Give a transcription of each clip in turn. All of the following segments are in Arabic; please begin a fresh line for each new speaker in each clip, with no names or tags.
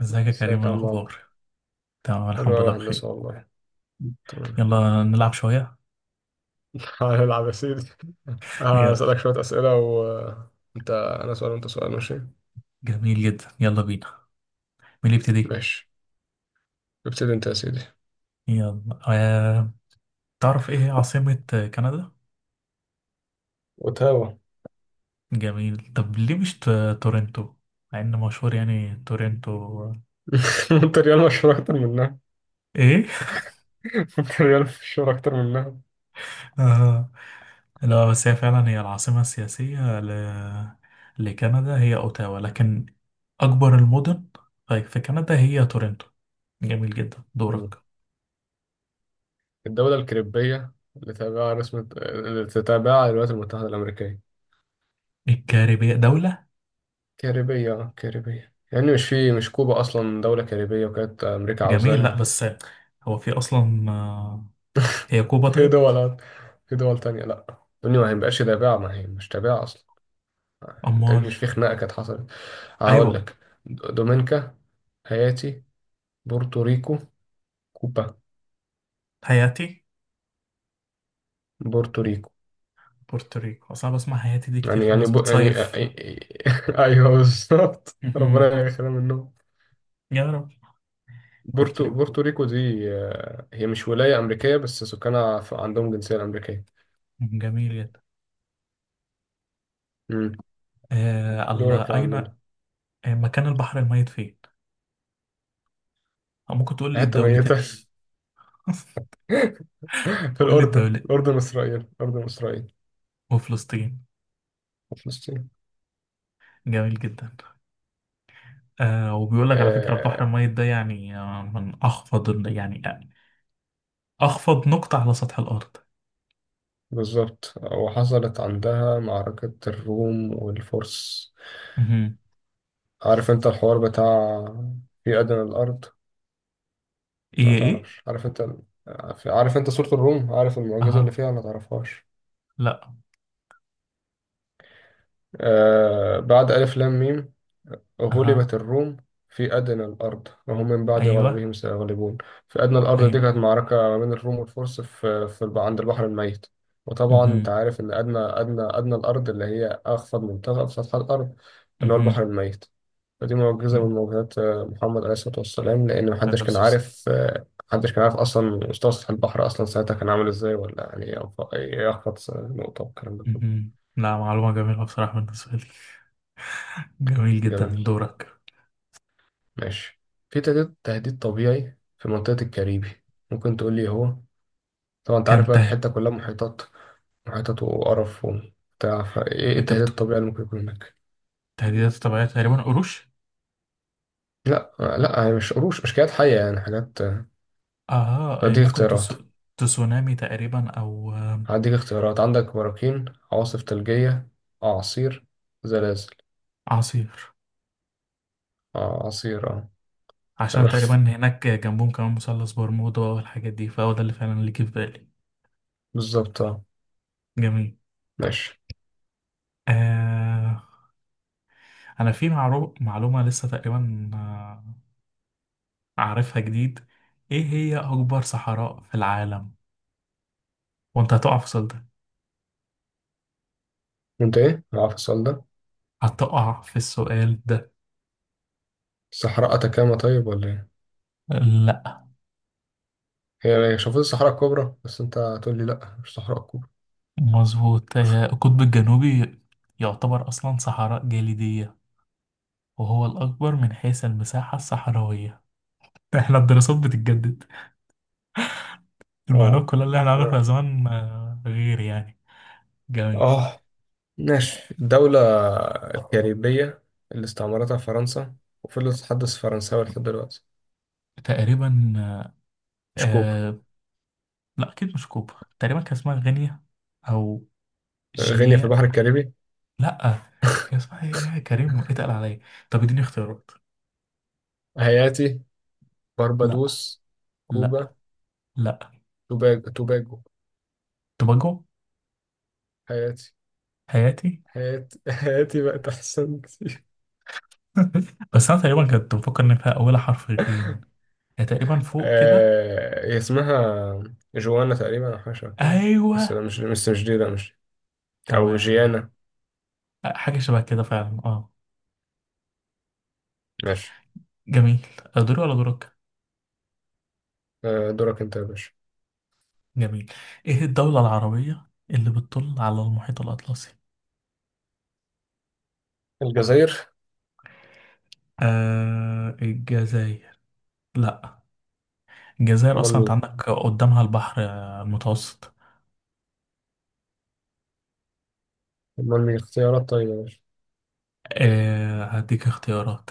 ازيك يا كريم،
ازيك
ايه
يا عم عمرو.
الاخبار؟ تمام،
حلو
الحمد
أوي،
لله
هندسة
بخير.
والله. تمام.
يلا نلعب شويه.
هنلعب يا سيدي.
يلا،
هسألك شوية أسئلة، وأنت أنا سؤال وأنت سؤال، ماشي؟
جميل جدا، يلا بينا. مين اللي يبتدي؟
ماشي. ابتدي أنت يا سيدي.
يلا. تعرف ايه هي عاصمه كندا؟
وتاوة.
جميل. طب ليه مش ت... تورنتو، مع ان مشهور يعني تورنتو.
أنت ريال مشهور أكتر منها.
ايه؟
أنت ريال مشهور أكتر منها.
آه... لا، بس هي فعلا هي العاصمه السياسيه لكندا هي اوتاوا، لكن اكبر المدن في كندا هي تورنتو. جميل جدا،
مم.
دورك.
الدولة الكاريبية اللي تابعها رسم اللي تتابعها الولايات المتحدة الأمريكية؟
الكاريبية دولة.
كاريبية، كاريبية يعني، مش في مش كوبا أصلا دولة كاريبية وكانت أمريكا
جميل، لا
عاوزاها.
بس هو في اصلا هي كوبا؟
في
طيب.
دول في دول تانية، لا الدنيا ما هيبقاش تابعة، ما هي مش تابعة أصلا. أنت إيه،
امال.
مش في خناقة كانت حصلت؟ هقول
ايوه.
لك. دومينيكا. هايتي. بورتوريكو. كوبا.
هايتي.
بورتوريكو.
بورتوريكو، اصل انا بسمع هايتي دي كتير،
يعني
في
يعني
الناس
ب... يعني
بتصيف.
أيوه، بالظبط،
مهم.
ربنا يخلينا منهم.
يا رب.
بورتو
بورتوريكو،
بورتوريكو دي، هي مش ولاية أمريكية بس سكانها عندهم جنسية أمريكية.
جميل جدا.
مم.
الله
دورك يا عم،
اين
نمرة.
مكان البحر الميت فين؟ أو ممكن تقول لي
حتة ميتة.
الدولتين؟
في
قول لي
الأردن
الدولة.
الأردن إسرائيل. الأردن، إسرائيل،
وفلسطين.
وفلسطين.
جميل جدا. آه، وبيقول لك على فكرة
آه
البحر الميت ده يعني، يعني اخفض نقطة على سطح الارض.
بالظبط، وحصلت عندها معركة الروم والفرس.
مهم.
عارف انت الحوار بتاع في أدنى الأرض. ما
ايه، ايه.
تعرفش؟ عارف انت سورة الروم؟ عارف المعجزة اللي
اها.
فيها؟ ما تعرفهاش؟
لا.
بعد ألف لام ميم،
اها.
غلبت الروم، في أدنى الأرض وهم من بعد
ايوه.
غلبهم سيغلبون. في أدنى الأرض دي
ايوه.
كانت معركة ما بين الروم والفرس عند البحر الميت. وطبعا
اها.
أنت عارف إن أدنى الأرض اللي هي أخفض منطقة في سطح الأرض، اللي هو
اها.
البحر الميت. فدي معجزة من معجزات محمد عليه الصلاة والسلام، لأن
هذا
محدش كان
الصوص.
عارف. محدش كان عارف أصلا مستوى سطح البحر، أصلا ساعتها كان عامل إزاي، ولا يعني يخفض نقطة، والكلام ده كله.
اها. لا، معلومة جميلة بصراحة بالنسبة لي. جميل جدا، من
جميل.
دورك.
ماشي. في تهديد طبيعي في منطقة الكاريبي، ممكن تقول لي إيه هو؟ طبعا انت عارف
كان
بقى
تهد
الحتة كلها محيطات. محيطات وقرف وبتاع، فايه إيه
انت
التهديد
بتقول
الطبيعي اللي ممكن يكون هناك؟
تهديدات طبيعية؟ تقريبا قروش.
لا، لا، هي مش قروش، مش كائنات حية، يعني حاجات.
اه إيه،
هديك اختيارات.
تسونامي تقريبا، او
هديك اختيارات، عندك براكين، عواصف ثلجية، أعاصير، زلازل.
اعاصير،
أعاصير، اه.
عشان
تمام.
تقريبا هناك جنبهم كمان مثلث برمودا والحاجات دي، فهو ده اللي فعلا اللي جه في بالي.
بالظبط، اه.
جميل.
ماشي.
آه... انا في معلومة لسه تقريبا أعرفها جديد. إيه هي أكبر صحراء في العالم؟ وأنت هتقع في السؤال ده،
وانت ايه؟ عارف السؤال ده؟
هتقع في السؤال ده.
الصحراء أتاكاما، طيب ولا ايه؟
لأ،
هي، شوفوا، الصحراء الكبرى، بس انت هتقول لي لا مش الصحراء الكبرى.
مظبوط. القطب الجنوبي يعتبر أصلا صحراء جليدية، وهو الأكبر من حيث المساحة الصحراوية. إحنا الدراسات بتتجدد،
اه.
المعلومات كلها اللي إحنا عارفها
آه.
زمان غير يعني. جميل.
آه. ماشي، دولة كاريبية اللي استعمرتها فرنسا، وفضلت تتحدث فرنساوي لحد دلوقتي.
تقريبا آه.
مش كوبا.
آه، لأ، أكيد مش كوبا. تقريبا كان اسمها غينيا، أو
غينيا في
جي.
البحر الكاريبي؟
لا. كان اسمها ايه يا كريم؟ اتقل عليا، طب اديني اختيارات.
هايتي.
لا.
باربادوس.
لا.
كوبا.
لا.
توباجو.
توباجو.
هايتي.
حياتي.
هايتي. هايتي بقت أحسن كتير.
بس انا تقريبا كنت بفكر ان فيها اولها حرف غين، هي تقريبا فوق كده.
هي اسمها جوانا تقريبا، أو حاجة شبه كده. بس
ايوه.
لا، مش بس مش دي، لا مش دي. أو
تمام.
جيانا.
حاجه شبه كده فعلا، اه.
ماشي.
جميل. دوري ولا دورك؟
دورك أنت يا باشا.
جميل. ايه الدوله العربيه اللي بتطل على المحيط الاطلسي؟
الجزائر.
آه، الجزائر؟ لا، الجزائر
أمال
اصلا انت
مين؟
عندك قدامها البحر المتوسط.
أمال مين؟ اختيارات طيبة يا باشا.
آه، هديك اختيارات،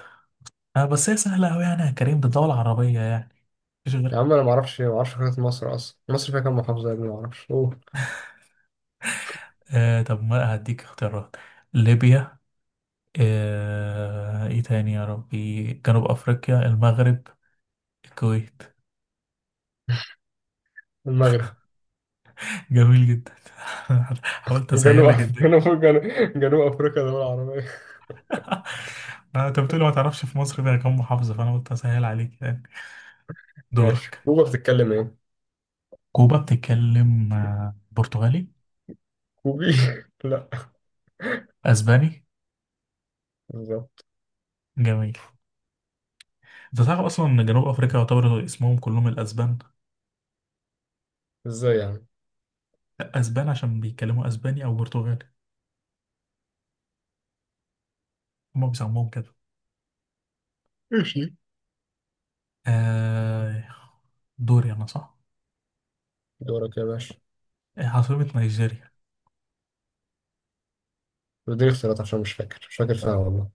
آه بس هي سهلة أوي يعني يا كريم، ده دولة عربية يعني، مفيش
يا
غيرها.
عم، انا ما اعرفش خريطة مصر، اصلا مصر فيها كام محافظة يا ابني، ما اعرفش، اوه.
آه، طب ما هديك اختيارات: ليبيا، آه إيه تاني يا ربي، جنوب أفريقيا، المغرب، الكويت.
المغرب.
جميل جدا، حاولت
جنوب.
أسهل لك الدنيا.
جنوب افريقيا دولة عربية؟
ما أنت بتقولي ما تعرفش في مصر فيها كام محافظة، فأنا قلت أسهل عليك يعني.
ماشي،
دورك.
كوبا بتتكلم ايه؟
كوبا بتتكلم برتغالي؟
كوبي؟ لا.
أسباني.
بالظبط.
جميل. أنت تعرف أصلا إن جنوب أفريقيا يعتبر اسمهم كلهم الأسبان؟
ازاي يعني؟
أسبان عشان بيتكلموا أسباني أو برتغالي، هما بيسموه كده.
ماشي.
آه، دوري أنا، صح؟
دورك يا باشا.
عاصمة نيجيريا؟
اديني اختيارات عشان مش فاكر فيها والله.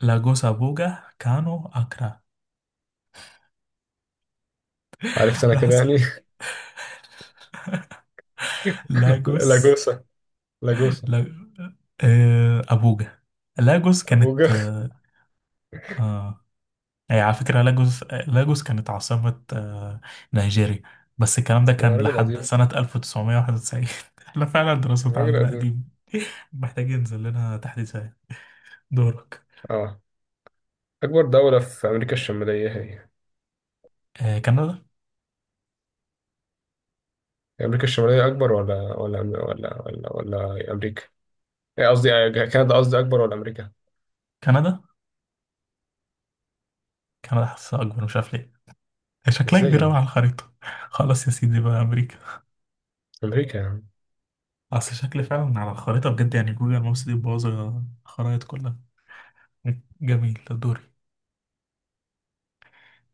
لاجوس، أبوجا، كانو، أكرا.
عرفت انا
أنا
كده
حاسس
يعني.
لاجوس.
لاجوسا. لاجوسا.
لا... آه، أبوجا. لاجوس كانت
ابوجا.
آه، آه، هي على فكرة لاجوس، كانت عاصمة آه نيجيريا، بس الكلام ده
انا
كان
راجل
لحد
قديم.
سنة 1991. احنا فعلا
أنا
دراستنا
راجل
عندنا قديمة.
قديم.
محتاجين ينزل لنا تحديثات. دورك.
اه. اكبر دولة في امريكا الشمالية هي إيه؟
آه كندا.
امريكا الشمالية اكبر، ولا ولا امريكا. إيه قصدي، كندا قصدي، أكبر ولا أمريكا؟
كندا، كندا حاسسها أكبر، مش عارف ليه، شكلها
إزاي
كبير
يا
أوي على
ابني؟
الخريطة. خلاص يا سيدي بقى أمريكا.
أمريكا يا عم.
أصل شكل فعلا على الخريطة بجد يعني، جوجل مابس دي باظة، الخرايط كلها. جميل، ده دوري.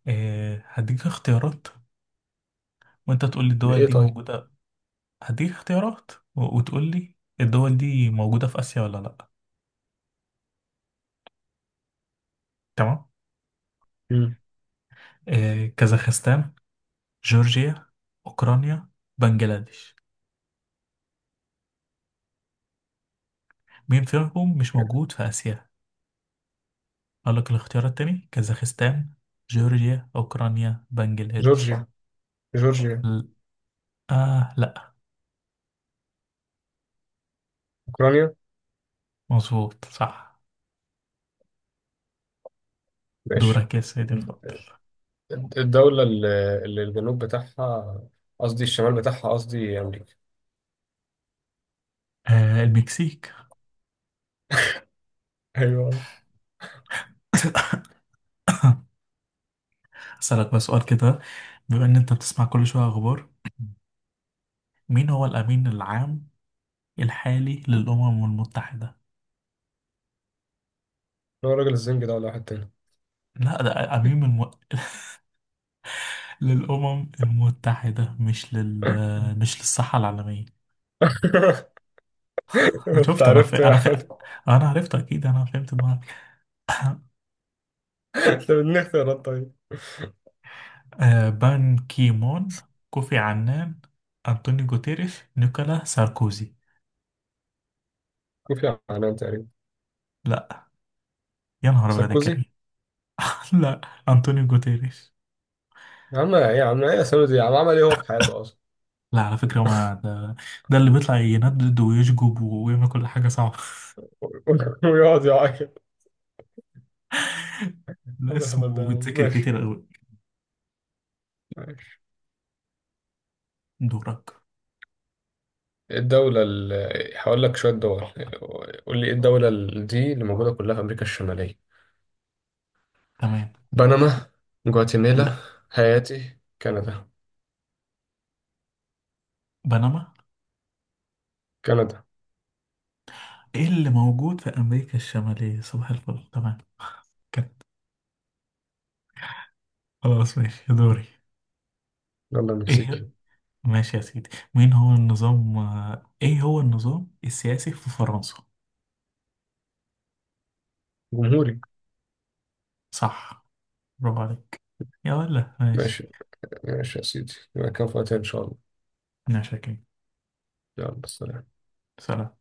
أه هديك اختيارات، وأنت تقول لي الدول
بإيه
دي
طيب؟
موجودة. وتقول لي الدول دي موجودة في آسيا ولا لأ. تمام.
مم.
أه، كازاخستان، جورجيا، أوكرانيا، بنجلاديش. مين فيهم مش موجود في آسيا؟ أقول لك الاختيارات تاني: كازاخستان، جورجيا، أوكرانيا، بنجلاديش.
جورجيا. جورجيا.
ل- آه لا،
أوكرانيا.
مظبوط، صح.
ماشي.
دورك يا سيدي الفاضل.
الدولة اللي الجنوب بتاعها، قصدي الشمال بتاعها، قصدي أمريكا.
آه، المكسيك.
أيوه.
أسألك بقى سؤال كده، بما إن أنت بتسمع كل شوية أخبار، مين هو الأمين العام الحالي للأمم المتحدة؟
هو راجل الزنج ده ولا واحد تاني؟
لا، للأمم المتحدة، مش لل، مش للصحة العالمية.
أنت
شفت أنا في...
عرفت
أنا في...
يعني.
أنا عرفت أكيد، أنا فهمت دماغك.
أنت بدني اختيارات طيب.
آه، بان كيمون، كوفي عنان، أنطونيو جوتيريش، نيكولا ساركوزي.
كوفي عنان تقريبا.
لا. يا نهار أبيض يا
ساركوزي.
كريم. لا. أنطونيو جوتيريش.
يا عم إيه، يا سامي دي، يا عم عمل إيه هو في حياته أصلا؟
لا على فكرة، ما ده, ده اللي بيطلع يندد ويشجب ويعمل كل حاجة صعبة.
ويقعد يعاقب.
لا،
عم الهبل ده
اسمه
يا عم،
بيتذكر
ماشي.
كتير أوي.
ماشي.
دورك.
الدولة ال... هقول لك شوية دول. قول لي ايه الدولة دي، اللي موجودة كلها في أمريكا الشمالية؟
تمام.
بنما. جواتيمالا.
لا.
هايتي، كندا.
بنما.
كندا.
ايه اللي موجود في أمريكا الشمالية؟ صباح الفل، تمام. كت. خلاص، ماشي، دوري.
يلا المكسيكي.
ايه؟ ماشي يا سيدي. مين هو النظام ايه هو النظام السياسي في فرنسا؟
جمهوري.
صح، برافو عليك يا ولا. ماشي.
ماشي. ماشي يا سيدي، يبقى كفاية إن شاء الله.
انا شاكين.
يلا سلام.
سلام.